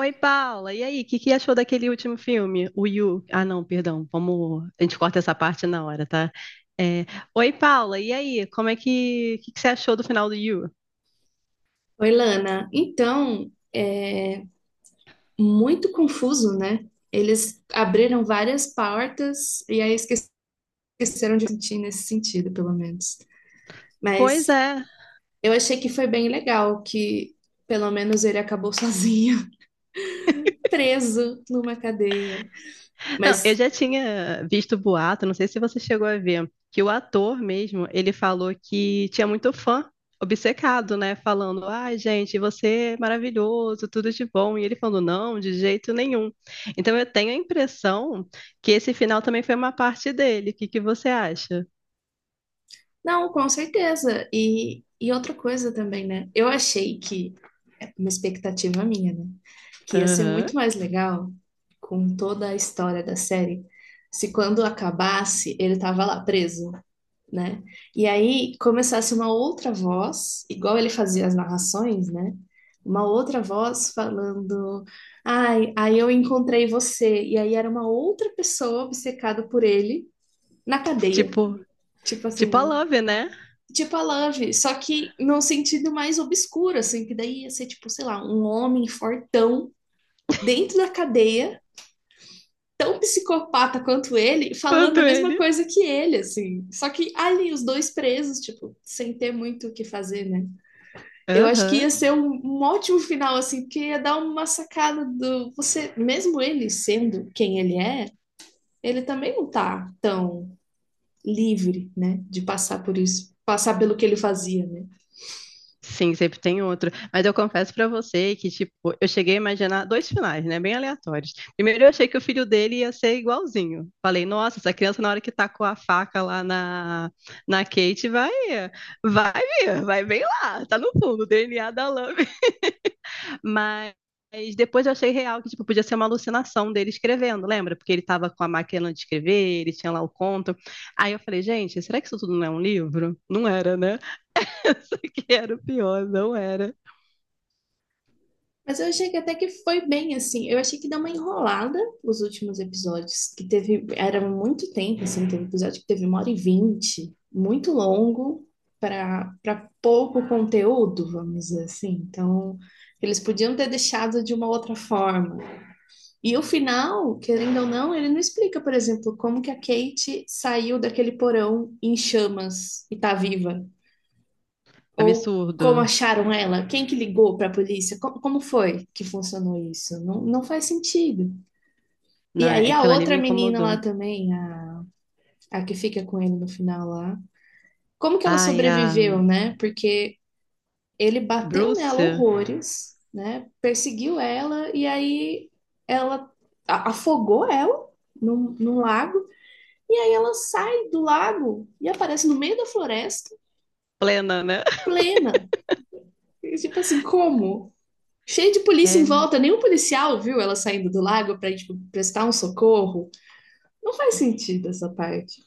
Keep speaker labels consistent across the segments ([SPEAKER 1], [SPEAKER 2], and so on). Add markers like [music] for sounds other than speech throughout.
[SPEAKER 1] Oi, Paula. E aí, o que que achou daquele último filme? O You. Ah, não, perdão. Vamos. A gente corta essa parte na hora, tá? É, Oi, Paula. E aí, como é que. O que que você achou do final do You?
[SPEAKER 2] Oi, Lana. Então, é muito confuso, né? Eles abriram várias portas e aí esqueceram de sentir nesse sentido, pelo menos.
[SPEAKER 1] Pois
[SPEAKER 2] Mas
[SPEAKER 1] é.
[SPEAKER 2] eu achei que foi bem legal que pelo menos ele acabou sozinho, [laughs] preso numa cadeia.
[SPEAKER 1] Não, eu
[SPEAKER 2] Mas
[SPEAKER 1] já tinha visto boato, não sei se você chegou a ver, que o ator mesmo, ele falou que tinha muito fã obcecado, né? Falando, ai, gente, você é maravilhoso, tudo de bom. E ele falando, não, de jeito nenhum. Então eu tenho a impressão que esse final também foi uma parte dele. O que que você acha?
[SPEAKER 2] não, com certeza. E outra coisa também, né? Eu achei que, é uma expectativa minha, né? Que ia ser
[SPEAKER 1] Aham.
[SPEAKER 2] muito mais legal com toda a história da série se quando acabasse ele tava lá preso, né? E aí começasse uma outra voz, igual ele fazia as narrações, né? Uma outra voz falando, ai, aí eu encontrei você. E aí era uma outra pessoa obcecada por ele na cadeia.
[SPEAKER 1] Tipo,
[SPEAKER 2] Tipo
[SPEAKER 1] tipo a
[SPEAKER 2] assim,
[SPEAKER 1] Love, né?
[SPEAKER 2] tipo a Love, só que num sentido mais obscuro, assim, que daí ia ser, tipo, sei lá, um homem fortão dentro da cadeia tão psicopata quanto ele, falando
[SPEAKER 1] Quanto
[SPEAKER 2] a mesma
[SPEAKER 1] ele.
[SPEAKER 2] coisa que ele, assim. Só que ali os dois presos, tipo, sem ter muito o que fazer, né? Eu acho que
[SPEAKER 1] Aham.
[SPEAKER 2] ia ser um ótimo final, assim, porque ia dar uma sacada do você, mesmo ele sendo quem ele é, ele também não tá tão livre, né, de passar por isso, passar pelo que ele fazia, né?
[SPEAKER 1] Sim, sempre tem outro. Mas eu confesso pra você que, tipo, eu cheguei a imaginar dois finais, né? Bem aleatórios. Primeiro, eu achei que o filho dele ia ser igualzinho. Falei, nossa, essa criança, na hora que tá com a faca lá na, Kate, vai vir, vai bem lá, tá no fundo, o DNA da Love. Mas. Depois eu achei real que tipo, podia ser uma alucinação dele escrevendo, lembra? Porque ele tava com a máquina de escrever, ele tinha lá o conto. Aí eu falei, gente, será que isso tudo não é um livro? Não era, né? [laughs] Isso aqui era o pior, não era.
[SPEAKER 2] Mas eu achei que até que foi bem assim. Eu achei que deu uma enrolada os últimos episódios, que teve, era muito tempo, assim, teve episódio que teve 1h20, muito longo para pouco conteúdo, vamos dizer assim. Então, eles podiam ter deixado de uma outra forma. E o final, querendo ou não, ele não explica, por exemplo, como que a Kate saiu daquele porão em chamas e tá viva. Ou como
[SPEAKER 1] Absurdo.
[SPEAKER 2] acharam ela? Quem que ligou para a polícia? Como foi que funcionou isso? Não, não faz sentido. E
[SPEAKER 1] Né?
[SPEAKER 2] aí a
[SPEAKER 1] Aquilo ali me
[SPEAKER 2] outra menina
[SPEAKER 1] incomodou.
[SPEAKER 2] lá também, a que fica com ele no final lá, como que ela
[SPEAKER 1] Ai, a
[SPEAKER 2] sobreviveu, né? Porque ele bateu
[SPEAKER 1] Bruce,
[SPEAKER 2] nela horrores, né? Perseguiu ela e aí ela afogou ela num lago e aí ela sai do lago e aparece no meio da floresta
[SPEAKER 1] plena, né?
[SPEAKER 2] plena. E, tipo assim, como? Cheio de polícia em
[SPEAKER 1] É,
[SPEAKER 2] volta, nenhum policial viu ela saindo do lago para tipo, prestar um socorro. Não faz sentido essa parte.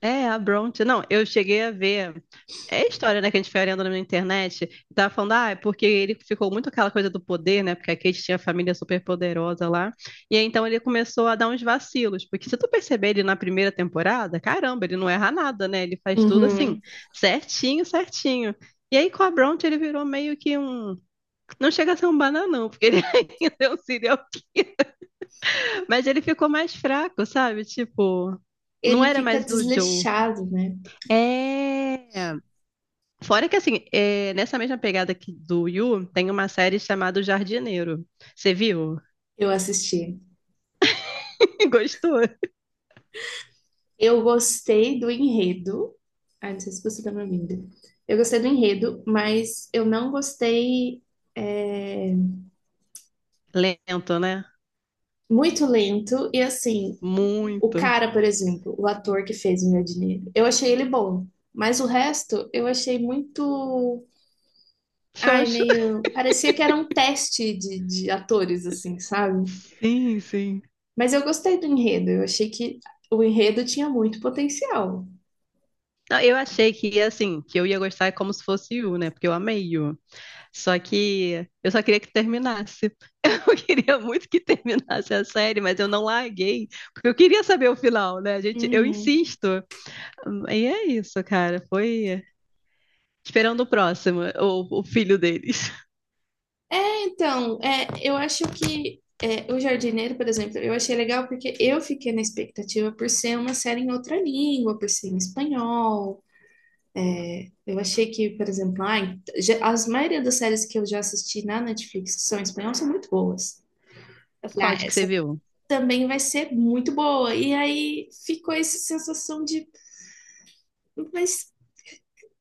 [SPEAKER 1] é a Bronte. Não, eu cheguei a ver. É a história, né, que a gente foi olhando na internet. E tava falando, ah, é porque ele ficou muito aquela coisa do poder, né? Porque a Kate tinha a família super poderosa lá. E aí, então ele começou a dar uns vacilos. Porque se tu perceber ele na primeira temporada, caramba, ele não erra nada, né? Ele faz tudo assim,
[SPEAKER 2] Uhum.
[SPEAKER 1] certinho, certinho. E aí com a Bronte ele virou meio que um. Não chega a ser um bananão, porque ele [laughs] ainda é um serial. Mas ele ficou mais fraco, sabe? Tipo, não
[SPEAKER 2] Ele
[SPEAKER 1] era
[SPEAKER 2] fica
[SPEAKER 1] mais o Joe.
[SPEAKER 2] desleixado, né?
[SPEAKER 1] É. Fora que, assim, é, nessa mesma pegada que do Yu, tem uma série chamada O Jardineiro. Você viu?
[SPEAKER 2] Eu assisti.
[SPEAKER 1] [laughs] Gostou?
[SPEAKER 2] Eu gostei do enredo. Ai, não sei se você tá me ouvindo. Eu gostei do enredo, mas eu não gostei é,
[SPEAKER 1] Lento, né?
[SPEAKER 2] muito lento. E assim, o
[SPEAKER 1] Muito.
[SPEAKER 2] cara, por exemplo, o ator que fez o meu dinheiro, eu achei ele bom. Mas o resto eu achei muito ai,
[SPEAKER 1] Xoxo.
[SPEAKER 2] meio. Parecia que era um teste de atores, assim, sabe?
[SPEAKER 1] Sim, sim.
[SPEAKER 2] Mas eu gostei do enredo. Eu achei que o enredo tinha muito potencial.
[SPEAKER 1] Não, eu achei que, assim, que eu ia gostar como se fosse Yu, né? Porque eu amei Yu. Só que eu só queria que terminasse. [laughs] Eu queria muito que terminasse a série, mas eu não larguei, porque eu queria saber o final, né? Gente, eu
[SPEAKER 2] Uhum.
[SPEAKER 1] insisto. E é isso, cara. Foi esperando o próximo, o filho deles.
[SPEAKER 2] Então, é, eu acho que é, O Jardineiro, por exemplo, eu achei legal porque eu fiquei na expectativa por ser uma série em outra língua, por ser em espanhol. Eu achei que, por exemplo, ai, já- as maioria das séries que eu já assisti na Netflix que são em espanhol são muito boas. Eu
[SPEAKER 1] [laughs]
[SPEAKER 2] falei,
[SPEAKER 1] Qual de
[SPEAKER 2] ah,
[SPEAKER 1] que você
[SPEAKER 2] essa
[SPEAKER 1] viu?
[SPEAKER 2] também vai ser muito boa. E aí ficou essa sensação de, mas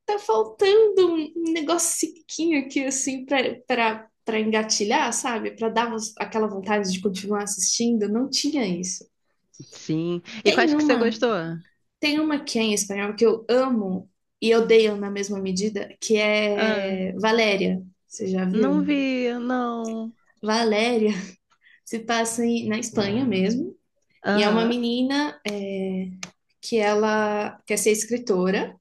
[SPEAKER 2] tá faltando um negocinho aqui, assim, pra, engatilhar, sabe? Pra dar aquela vontade de continuar assistindo. Não tinha isso.
[SPEAKER 1] Sim. E quais
[SPEAKER 2] Tem
[SPEAKER 1] que você
[SPEAKER 2] uma,
[SPEAKER 1] gostou?
[SPEAKER 2] tem uma que é em espanhol que eu amo e odeio na mesma medida, que
[SPEAKER 1] Ah,
[SPEAKER 2] é Valéria. Você já
[SPEAKER 1] não
[SPEAKER 2] viu?
[SPEAKER 1] vi, não.
[SPEAKER 2] Valéria [laughs] se passa em- na Espanha mesmo. E é uma
[SPEAKER 1] Aham.
[SPEAKER 2] menina que ela quer ser escritora.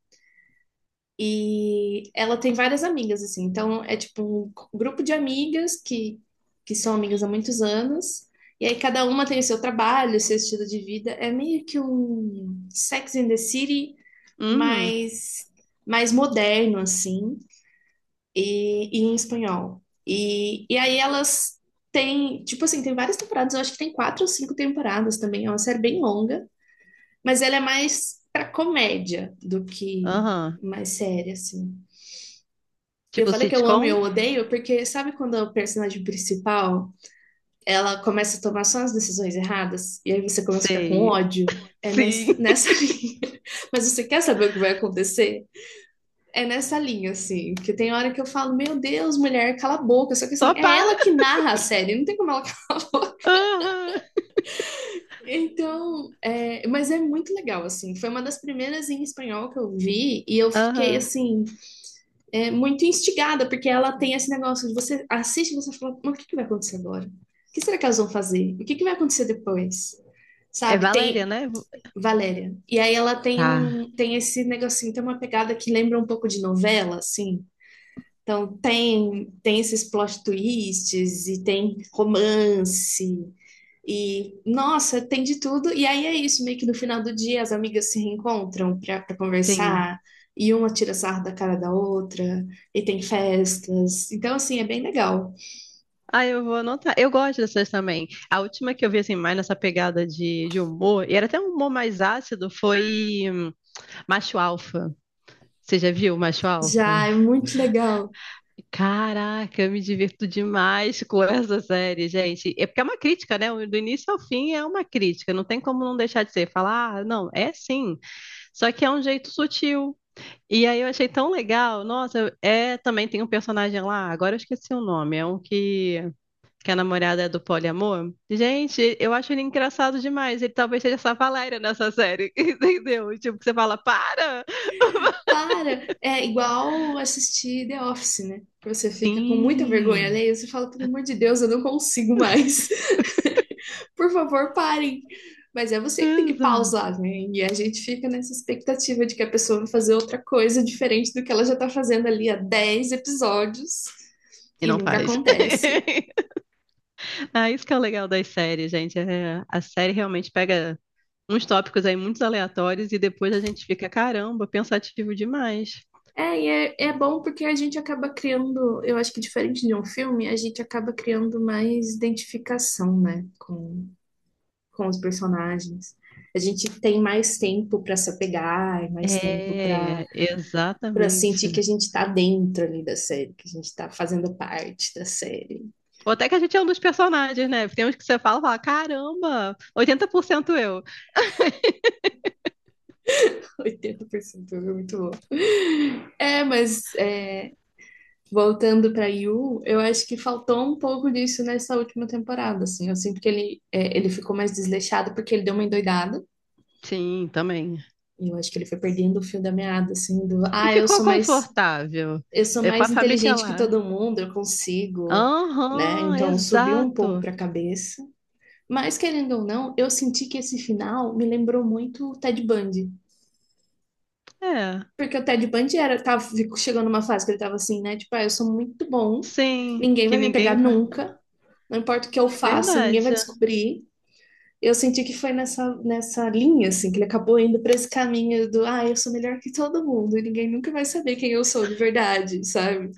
[SPEAKER 2] E ela tem várias amigas, assim. Então, é tipo um grupo de amigas que são amigas há muitos anos. E aí, cada uma tem o seu trabalho, o seu estilo de vida. É meio que um Sex and the City,
[SPEAKER 1] Uhum.
[SPEAKER 2] mas mais moderno, assim. E em espanhol. E aí, elas têm, tipo assim, tem várias temporadas. Eu acho que tem 4 ou 5 temporadas também. É uma série bem longa, mas ela é mais pra comédia do que
[SPEAKER 1] Aham.
[SPEAKER 2] mais séria, assim. Eu
[SPEAKER 1] Tipo
[SPEAKER 2] falei que eu amo e
[SPEAKER 1] sitcom?
[SPEAKER 2] eu odeio porque sabe quando a personagem principal, ela começa a tomar só as decisões erradas e aí você começa a ficar com
[SPEAKER 1] Sei.
[SPEAKER 2] ódio? É
[SPEAKER 1] Sim. [laughs]
[SPEAKER 2] nessa [laughs] linha. Mas você quer saber o que vai acontecer? É nessa linha, assim. Porque tem hora que eu falo, meu Deus, mulher, cala a boca. Só que,
[SPEAKER 1] Só
[SPEAKER 2] assim, é
[SPEAKER 1] para.
[SPEAKER 2] ela que narra a série, não tem como ela. [laughs]
[SPEAKER 1] Aham.
[SPEAKER 2] Então, é, mas é muito legal, assim. Foi uma das primeiras em espanhol que eu vi e eu fiquei,
[SPEAKER 1] Aham.
[SPEAKER 2] assim, muito instigada, porque ela tem esse negócio de você assiste e você fala, mas o que, que vai acontecer agora? O que será que elas vão fazer? O que, que vai acontecer depois?
[SPEAKER 1] É
[SPEAKER 2] Sabe?
[SPEAKER 1] Valéria,
[SPEAKER 2] Tem
[SPEAKER 1] né?
[SPEAKER 2] Valéria. E aí ela tem
[SPEAKER 1] Tá,
[SPEAKER 2] tem esse negocinho, tem uma pegada que lembra um pouco de novela, assim. Então tem esses plot twists e tem romance e, nossa, tem de tudo. E aí é isso, meio que no final do dia as amigas se reencontram pra
[SPEAKER 1] sim.
[SPEAKER 2] conversar, e uma tira sarro da cara da outra, e tem festas. Então, assim, é bem legal.
[SPEAKER 1] Ah, eu vou anotar. Eu gosto dessas também. A última que eu vi, assim, mais nessa pegada de, humor, e era até um humor mais ácido, foi Macho Alfa. Você já viu Macho Alfa?
[SPEAKER 2] Já é muito legal.
[SPEAKER 1] Caraca, eu me divirto demais com [laughs] essa série, gente. É porque é uma crítica, né? Do início ao fim é uma crítica. Não tem como não deixar de ser. Falar, ah, não, é sim. Só que é um jeito sutil. E aí eu achei tão legal. Nossa, é também tem um personagem lá. Agora eu esqueci o nome. É um que a namorada é do poliamor. Gente, eu acho ele engraçado demais. Ele talvez seja essa Valéria nessa série, [laughs] entendeu? Tipo, que você fala, para!
[SPEAKER 2] Para! É igual assistir The Office, né? Que você fica com muita vergonha
[SPEAKER 1] Sim,
[SPEAKER 2] alheia, você fala, pelo amor de Deus, eu não consigo mais. Por favor, parem. Mas é você que tem que
[SPEAKER 1] exato.
[SPEAKER 2] pausar, né? E a gente fica nessa expectativa de que a pessoa vai fazer outra coisa diferente do que ela já tá fazendo ali há 10 episódios
[SPEAKER 1] E
[SPEAKER 2] e
[SPEAKER 1] não
[SPEAKER 2] nunca
[SPEAKER 1] faz.
[SPEAKER 2] acontece.
[SPEAKER 1] [laughs] Ah, isso que é o legal das séries, gente. É, a série realmente pega uns tópicos aí muito aleatórios e depois a gente fica, caramba, pensativo demais.
[SPEAKER 2] É, e é, é bom porque a gente acaba criando, eu acho que diferente de um filme, a gente acaba criando mais identificação, né, com os personagens. A gente tem mais tempo para se apegar, mais tempo para
[SPEAKER 1] É,
[SPEAKER 2] para sentir que a
[SPEAKER 1] exatamente.
[SPEAKER 2] gente está dentro ali da série, que a gente está fazendo parte da série.
[SPEAKER 1] Ou até que a gente é um dos personagens, né? Tem uns que você fala, fala, caramba, 80% eu. [laughs]
[SPEAKER 2] [laughs] 80% é muito bom. É, mas é, voltando para Yu, eu acho que faltou um pouco disso nessa última temporada, assim. Eu sinto que ele ficou mais desleixado porque ele deu uma endoidada.
[SPEAKER 1] Sim, também.
[SPEAKER 2] E eu acho que ele foi perdendo o fio da meada, assim, do,
[SPEAKER 1] E
[SPEAKER 2] ah, eu
[SPEAKER 1] ficou
[SPEAKER 2] sou mais,
[SPEAKER 1] confortável
[SPEAKER 2] eu sou
[SPEAKER 1] com a
[SPEAKER 2] mais
[SPEAKER 1] família
[SPEAKER 2] inteligente que
[SPEAKER 1] lá.
[SPEAKER 2] todo mundo, eu consigo, né?
[SPEAKER 1] Aham,
[SPEAKER 2] Então subiu um pouco
[SPEAKER 1] exato.
[SPEAKER 2] para a cabeça. Mas querendo ou não, eu senti que esse final me lembrou muito o Ted Bundy.
[SPEAKER 1] É,
[SPEAKER 2] Porque o Ted Bundy chegou numa fase que ele tava assim, né? Tipo, ah, eu sou muito bom,
[SPEAKER 1] sim,
[SPEAKER 2] ninguém
[SPEAKER 1] que
[SPEAKER 2] vai me pegar
[SPEAKER 1] ninguém vai.
[SPEAKER 2] nunca, não importa o que eu
[SPEAKER 1] É
[SPEAKER 2] faça, ninguém vai
[SPEAKER 1] verdade.
[SPEAKER 2] descobrir. Eu senti que foi nessa linha, assim, que ele acabou indo para esse caminho do, ah, eu sou melhor que todo mundo e ninguém nunca vai saber quem eu sou de verdade, sabe?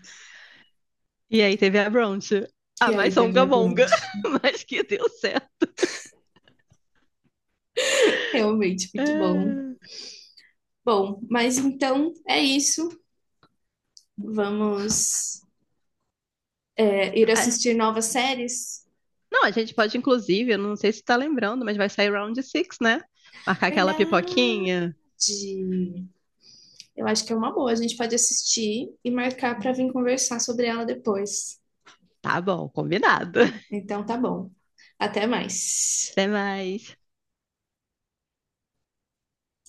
[SPEAKER 1] E aí teve a Bronte, a
[SPEAKER 2] E aí
[SPEAKER 1] mais
[SPEAKER 2] teve a
[SPEAKER 1] songamonga,
[SPEAKER 2] Bronte.
[SPEAKER 1] [laughs] mas que deu certo.
[SPEAKER 2] Realmente muito bom.
[SPEAKER 1] É.
[SPEAKER 2] Bom, mas então é isso. Vamos ir
[SPEAKER 1] Ah,
[SPEAKER 2] assistir novas séries.
[SPEAKER 1] não, a gente pode, inclusive, eu não sei se tá lembrando, mas vai sair Round 6 né? Marcar aquela
[SPEAKER 2] Verdade.
[SPEAKER 1] pipoquinha.
[SPEAKER 2] Eu acho que é uma boa. A gente pode assistir e marcar para vir conversar sobre ela depois.
[SPEAKER 1] Tá bom, combinado. [laughs]
[SPEAKER 2] Então tá bom. Até mais.
[SPEAKER 1] Até mais.